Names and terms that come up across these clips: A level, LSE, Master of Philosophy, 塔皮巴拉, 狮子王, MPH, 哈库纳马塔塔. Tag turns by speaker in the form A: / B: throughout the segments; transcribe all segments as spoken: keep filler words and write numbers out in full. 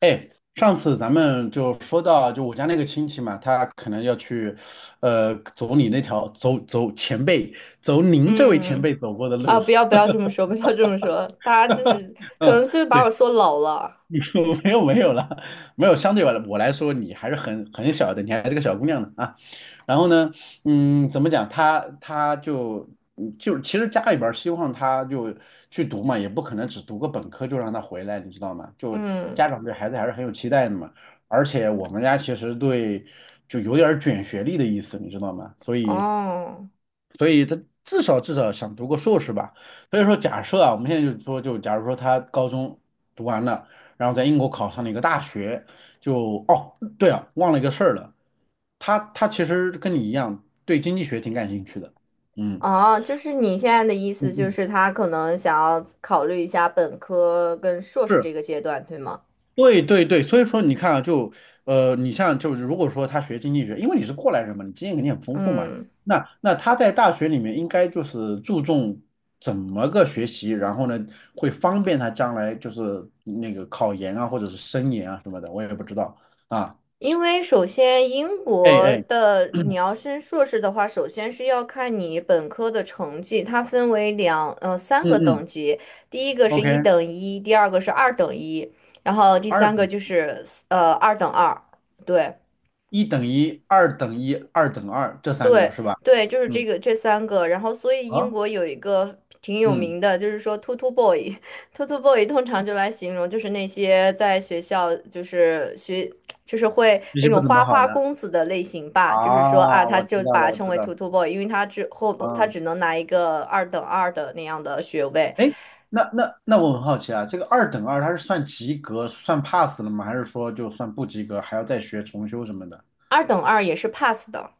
A: 哎，上次咱们就说到，就我家那个亲戚嘛，他可能要去，呃，走你那条，走走前辈，走您这位前
B: 嗯，
A: 辈走过的
B: 啊，
A: 路。
B: 不要不要这么说，不要这么说，大家就是 可能
A: 嗯，
B: 就是把
A: 对。
B: 我说老了。
A: 没有没有了，没有。相对我来我来说，你还是很很小的，你还是个小姑娘呢啊。然后呢，嗯，怎么讲？她她就嗯就其实家里边儿希望她就去读嘛，也不可能只读个本科就让她回来，你知道吗？就
B: 嗯，
A: 家长对孩子还是很有期待的嘛。而且我们家其实对就有点儿卷学历的意思，你知道吗？所以。
B: 哦，
A: 所以他至少至少想读个硕士吧。所以说，假设啊，我们现在就说，就假如说他高中读完了，然后在英国考上了一个大学，就哦，对啊，忘了一个事儿了，他他其实跟你一样对经济学挺感兴趣的，嗯
B: 哦，就是你现在的意
A: 嗯
B: 思就
A: 嗯，
B: 是他可能想要考虑一下本科跟硕士
A: 是，
B: 这个阶段，对吗？
A: 对对对，所以说你看啊，就呃，你像就是如果说他学经济学，因为你是过来人嘛，你经验肯定很丰富嘛，
B: 嗯。
A: 那那他在大学里面应该就是注重怎么个学习，然后呢会方便他将来就是那个考研啊或者是升研啊什么的，我也不知道啊，
B: 因为首先，英
A: 哎
B: 国
A: 哎，
B: 的你
A: 嗯
B: 要升硕士的话，首先是要看你本科的成绩，它分为两呃三
A: 嗯
B: 个等
A: 嗯
B: 级，第一个是一
A: ，OK。
B: 等一，第二个是二等一，然后第
A: 二
B: 三个
A: 等
B: 就是呃二等二，对。
A: 一等一、二等一、二等二这三个
B: 对
A: 是吧？
B: 对，就是这
A: 嗯，
B: 个这三个，然后所以英
A: 啊，
B: 国有一个挺有
A: 嗯，
B: 名的，就是说 t o t o b o y， t o t o boy” 通常就来形容就是那些在学校就是学就是会
A: 这
B: 那
A: 些不
B: 种
A: 怎么
B: 花
A: 好
B: 花
A: 的
B: 公子的类型吧，就是说啊，
A: 啊，
B: 他
A: 我
B: 就
A: 知道
B: 把
A: 了，
B: 他
A: 我
B: 称
A: 知
B: 为
A: 道了，
B: t o t o boy”，因为他之后他
A: 嗯，
B: 只能拿一个二等二的那样的学位。
A: 哎，那那那我很好奇啊，这个二等二它是算及格、算 pass 了吗？还是说就算不及格还要再学重修什么的？
B: 二等二也是 pass 的，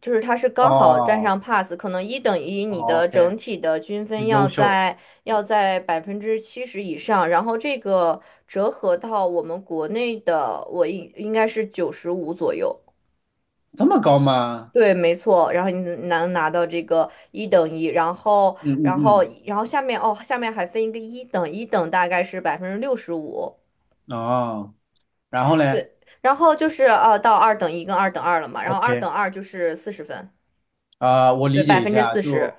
B: 就是它是刚好占
A: 哦
B: 上 pass，可能一等一你
A: 哦
B: 的
A: ，OK，
B: 整体的均分
A: 优
B: 要
A: 秀，
B: 在要在百分之七十以上，然后这个折合到我们国内的，我应应该是九十五左右。
A: 这么高吗？
B: 对，没错，然后你能拿到这个一等一，然后，
A: 嗯
B: 然后，
A: 嗯
B: 然后下面哦，下面还分一个一等，一等大概是百分之六十五，
A: 嗯，哦，然后嘞
B: 对，然后就是呃到二等一跟二等二了嘛，然后二
A: ？OK，
B: 等二就是四十分。
A: 啊、我
B: 对，
A: 理
B: 百
A: 解一
B: 分之
A: 下，
B: 四
A: 就
B: 十。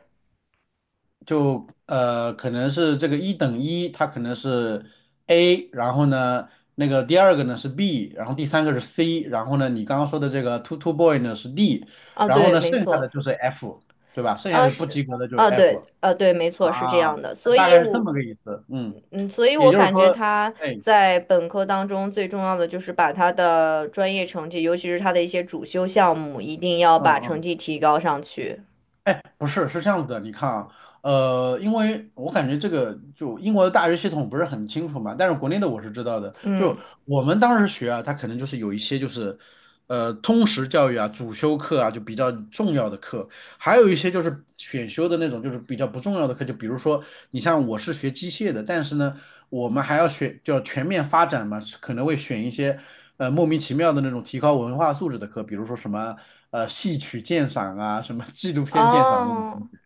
A: 就呃，可能是这个一等一，它可能是 A，然后呢，那个第二个呢是 B，然后第三个是 C，然后呢，你刚刚说的这个 two two boy 呢是 D，
B: 啊，
A: 然后
B: 对，
A: 呢，
B: 没
A: 剩下的
B: 错，
A: 就是 F，对吧？剩下
B: 啊
A: 的不
B: 是，
A: 及格的就是
B: 啊对，
A: F
B: 啊对，没错，是这
A: 啊，
B: 样的，所
A: 大
B: 以
A: 概是这
B: 我，
A: 么个意思，嗯，
B: 嗯，所以
A: 也
B: 我
A: 就是
B: 感觉
A: 说，
B: 他
A: 哎，
B: 在本科当中最重要的就是把他的专业成绩，尤其是他的一些主修项目，一定要
A: 嗯
B: 把成
A: 嗯。
B: 绩提高上去。
A: 哎，不是，是这样子的，你看啊，呃，因为我感觉这个就英国的大学系统不是很清楚嘛，但是国内的我是知道的。就
B: 嗯，
A: 我们当时学啊，它可能就是有一些就是，呃，通识教育啊、主修课啊，就比较重要的课。还有一些就是选修的那种，就是比较不重要的课，就比如说你像我是学机械的，但是呢，我们还要选叫全面发展嘛，可能会选一些呃莫名其妙的那种提高文化素质的课，比如说什么呃戏曲鉴赏啊，什么纪录片鉴赏这种东
B: 哦，
A: 西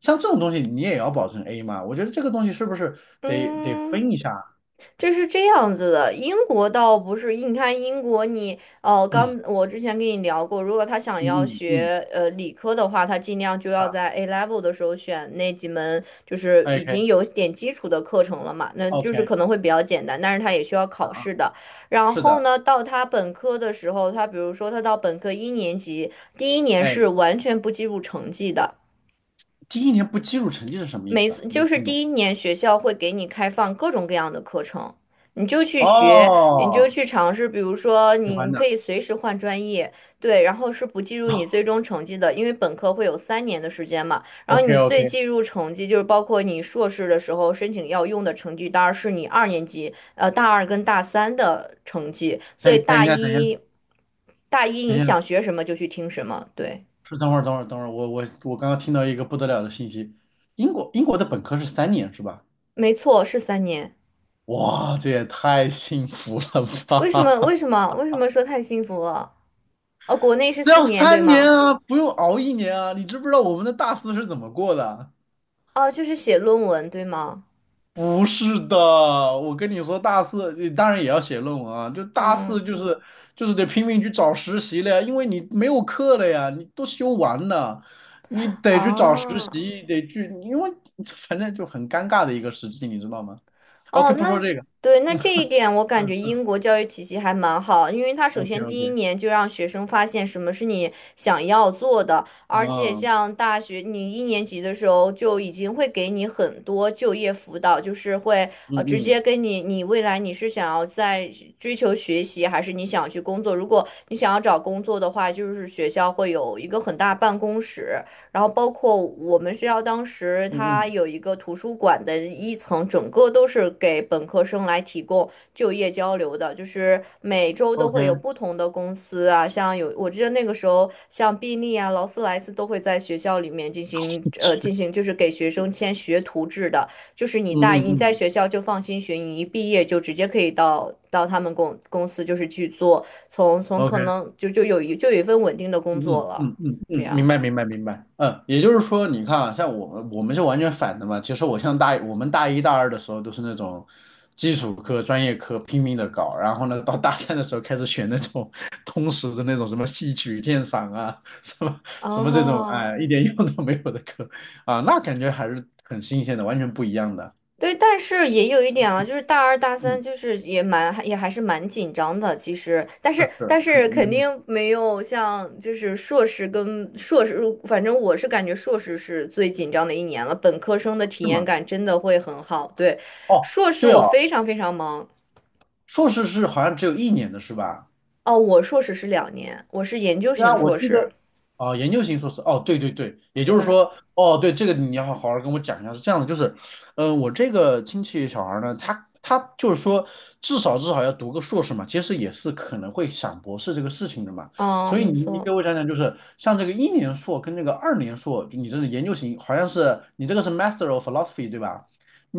A: 像这种东西你也要保证 A 嘛？我觉得这个东西是不是得得
B: 嗯，
A: 分一下？
B: 这是这样子的，英国倒不是，你看英国你，哦，刚
A: 嗯
B: 我之前跟你聊过，如果他想要
A: 嗯嗯
B: 学呃理科的话，他尽量就要
A: 啊
B: 在 A level 的时候选那几门就是已
A: ，OK
B: 经有点基础的课程了嘛，那就是
A: OK
B: 可能会比较简单，但是他也需要
A: 啊
B: 考
A: 啊，
B: 试的。然
A: 是
B: 后
A: 的，
B: 呢，到他本科的时候，他比如说他到本科一年级，第一年是
A: 哎，
B: 完全不计入成绩的。
A: 第一年不计入成绩是什么意
B: 每
A: 思
B: 次
A: 啊？我没
B: 就是
A: 听懂。
B: 第一年学校会给你开放各种各样的课程，你就去学，你就
A: 哦，
B: 去尝试。比如说，
A: 喜欢
B: 你
A: 的。
B: 可以随时换专业，对，然后是不计入你最终成绩的，因为本科会有三年的时间嘛。然后
A: OK
B: 你最
A: OK，
B: 计入成绩就是包括你硕士的时候申请要用的成绩单，是你二年级，呃，大二跟大三的成绩。所以
A: 等等一
B: 大
A: 下，等一下，
B: 一，大一
A: 等
B: 你
A: 一下，
B: 想学什么就去听什么，对，
A: 是等会儿，等会儿，等会儿，我我我刚刚听到一个不得了的信息，英国英国的本科是三年是吧？
B: 没错，是三年。
A: 哇，这也太幸福了
B: 为什么？
A: 吧！
B: 为什么？为什么说太幸福了？哦，国内是
A: 只
B: 四
A: 要
B: 年，对
A: 三年
B: 吗？
A: 啊，不用熬一年啊，你知不知道我们的大四是怎么过的啊？
B: 哦，就是写论文，对吗？
A: 不是的，我跟你说，大四呃当然也要写论文啊，就大四
B: 嗯，
A: 就是就是得拼命去找实习了呀，因为你没有课了呀，你都修完了，你得去找实
B: 啊，
A: 习，得去，因为反正就很尴尬的一个时期，你知道吗
B: 哦，
A: ？OK，不
B: 那
A: 说这个，
B: 对，那这一点我感觉
A: 嗯
B: 英国教育体系还蛮好，因为他首
A: ，OK
B: 先
A: OK，
B: 第一年就让学生发现什么是你想要做的，而且
A: 啊，嗯
B: 像大学你一年级的时候就已经会给你很多就业辅导，就是会呃直接
A: 嗯
B: 跟你你未来你是想要在追求学习，还是你想要去工作？如果你想要找工作的话，就是学校会有一个很大办公室。然后包括我们学校当时
A: 嗯嗯
B: 它
A: 嗯
B: 有一个图书馆的一层，整个都是给本科生来提供就业交流的，就是每周都
A: ，OK，
B: 会有
A: 嗯
B: 不同的公司啊，像有我记得那个时候像宾利啊、劳斯莱斯都会在学校里面进行呃进行，就是给学生签学徒制的，就是你大
A: 嗯
B: 你在
A: 嗯
B: 学校就放心学，你一毕业就直接可以到到他们公公司就是去做，从从可
A: ，OK。
B: 能就就有一就有一份稳定的工
A: 嗯
B: 作了，
A: 嗯嗯嗯，嗯，
B: 这
A: 嗯
B: 样。
A: 明白明白明白，嗯，也就是说，你看啊，像我们我们是完全反的嘛。其实我像大我们大一大二的时候都是那种基础课、专业课拼命的搞，然后呢，到大三的时候开始选那种 通识的那种什么戏曲鉴赏啊，什么什么这种，
B: 哦，
A: 哎，一点用都没有的课啊，那感觉还是很新鲜的，完全不一样的。
B: 对，但是也有一点啊，就是大二大三，
A: 嗯，
B: 就是也蛮也还是蛮紧张的，其实，但是
A: 是，
B: 但是
A: 那那
B: 肯
A: 你
B: 定没有像就是硕士跟硕士，反正我是感觉硕士是最紧张的一年了，本科生的体
A: 是
B: 验
A: 吗？
B: 感真的会很好。对，
A: 哦，
B: 硕士
A: 对
B: 我
A: 哦，
B: 非常非常忙
A: 硕士是好像只有一年的是吧？
B: 哦，我硕士是两年，我是研究
A: 对啊，
B: 型
A: 我
B: 硕
A: 记
B: 士。
A: 得啊、研究型硕士，哦，对对对，也就是
B: 对，
A: 说，哦，对，这个你要好好跟我讲一下，是这样的，就是，嗯、我这个亲戚小孩儿呢，他他就是说，至少至少要读个硕士嘛，其实也是可能会想博士这个事情的嘛，
B: 嗯，
A: 所以
B: 没
A: 你你给
B: 错，
A: 我讲讲，就是像这个一年硕跟那个二年硕，就你这个研究型，好像是你这个是 Master of Philosophy 对吧？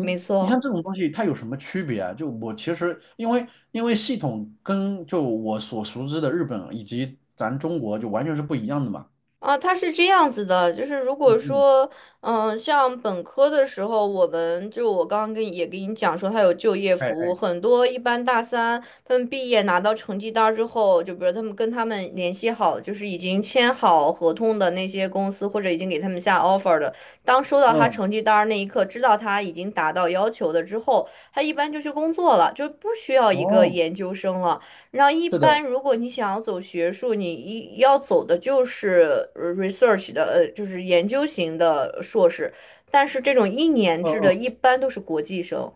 B: 没
A: 你像
B: 错。
A: 这种东西，它有什么区别啊？就我其实因为因为系统跟就我所熟知的日本以及咱中国就完全是不一样的嘛。
B: 啊，他是这样子的，就是如果
A: 嗯嗯，
B: 说，嗯，像本科的时候，我们就我刚刚跟也跟你讲说，他有就业
A: 哎
B: 服务，
A: 哎，
B: 很多一般大三他们毕业拿到成绩单儿之后，就比如他们跟他们联系好，就是已经签好合同的那些公司，或者已经给他们下 offer 的，当收到他
A: 嗯，
B: 成绩单儿那一刻，知道他已经达到要求的之后，他一般就去工作了，就不需要一个
A: 哦，
B: 研究生了。然后一
A: 是的，
B: 般如果你想要走学术，你一要走的就是呃 research 的，呃，就是研究型的硕士。但是这种一年
A: 嗯
B: 制的，
A: 嗯，
B: 一般都是国际生，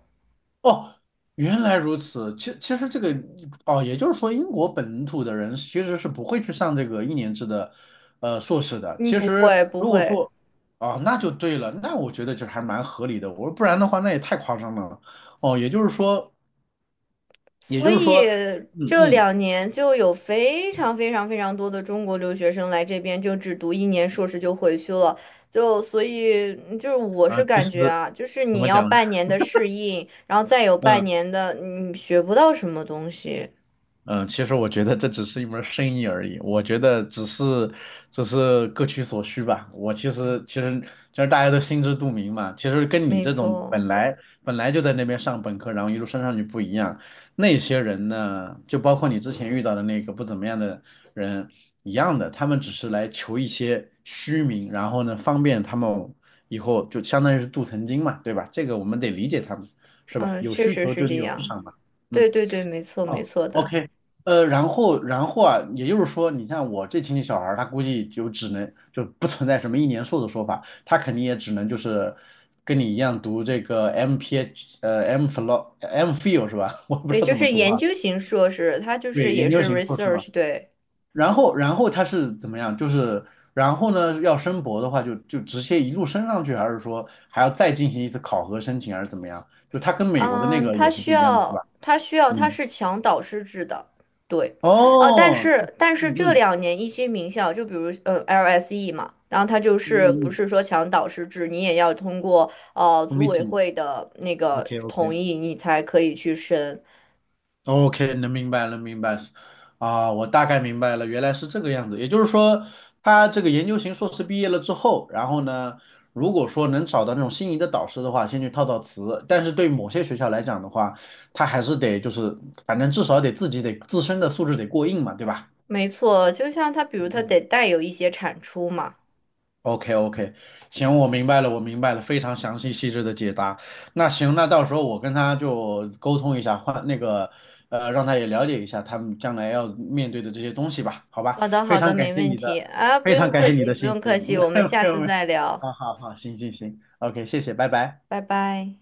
A: 哦，原来如此。其其实这个哦，也就是说，英国本土的人其实是不会去上这个一年制的呃硕士的。
B: 嗯，
A: 其
B: 不
A: 实
B: 会不
A: 如果
B: 会。
A: 说啊、那就对了，那我觉得就还蛮合理的。我说不然的话，那也太夸张了。哦，也就是说。也
B: 所
A: 就是说，
B: 以
A: 嗯
B: 这
A: 嗯
B: 两年就有非常非常非常多的中国留学生来这边，就只读一年硕士就回去了。就所以嗯就是我
A: 啊，
B: 是
A: 其
B: 感
A: 实
B: 觉啊，就是
A: 怎
B: 你
A: 么
B: 要
A: 讲呢？
B: 半年的适应，然后再有半
A: 嗯。
B: 年的你学不到什么东西。
A: 嗯，其实我觉得这只是一门儿生意而已，我觉得只是只是各取所需吧。我其实其实其实大家都心知肚明嘛。其实跟你
B: 没
A: 这种
B: 错。
A: 本来本来就在那边上本科，然后一路升上去不一样，那些人呢，就包括你之前遇到的那个不怎么样的人一样的，他们只是来求一些虚名，然后呢方便他们以后就相当于是镀层金嘛，对吧？这个我们得理解他们，是吧？
B: 嗯，
A: 有
B: 确
A: 需
B: 实
A: 求
B: 是
A: 就得
B: 这
A: 有市
B: 样。
A: 场嘛。
B: 对
A: 嗯。
B: 对对，没错没
A: 哦
B: 错的。
A: ，OK，呃，然后然后啊，也就是说，你像我这亲戚小孩儿，他估计就只能就不存在什么一年硕的说法，他肯定也只能就是跟你一样读这个 M P H 呃 M f h i l o M phil 是吧？我不知
B: 对，
A: 道
B: 就
A: 怎么
B: 是
A: 读
B: 研
A: 啊，
B: 究型硕士，它就是
A: 对，
B: 也
A: 研究
B: 是
A: 型硕士嘛。
B: research。对，
A: 然后然后他是怎么样？就是然后呢，要升博的话就就直接一路升上去，还是说还要再进行一次考核申请，还是怎么样？就他跟美国的那
B: 嗯，
A: 个
B: 它
A: 也是
B: 需
A: 不一样的，是吧？
B: 要它需要它
A: 嗯，
B: 是强导师制的。对，哦，但
A: 哦，
B: 是但
A: 嗯
B: 是这
A: 嗯
B: 两年一些名校，就比如嗯 L S E 嘛，然后它就
A: 嗯
B: 是不是
A: 嗯
B: 说强导师制，你也要通过呃组委
A: 嗯
B: 会的那个同
A: ，committee，OK，OK，OK，
B: 意，你才可以去申。
A: 能明白能明白啊，我大概明白了，原来是这个样子。也就是说，他这个研究型硕士毕业了之后，然后呢，如果说能找到那种心仪的导师的话，先去套套词。但是对某些学校来讲的话，他还是得就是，反正至少得自己得自身的素质得过硬嘛，对吧？
B: 没错，就像它，比如
A: 嗯
B: 它得
A: 嗯。
B: 带有一些产出嘛。
A: OK OK，行，我明白了，我明白了，非常详细细致的解答。那行，那到时候我跟他就沟通一下，换那个呃，让他也了解一下他们将来要面对的这些东西吧，好吧？
B: 好的，好
A: 非
B: 的，
A: 常感
B: 没
A: 谢
B: 问
A: 你
B: 题
A: 的，
B: 啊，不
A: 非
B: 用
A: 常感
B: 客
A: 谢你
B: 气，
A: 的
B: 不
A: 信
B: 用
A: 息。
B: 客
A: 嗯，
B: 气，我们 下
A: 没有
B: 次
A: 没有，
B: 再聊，
A: 好好好，行行行，OK，谢谢，拜拜。
B: 拜拜。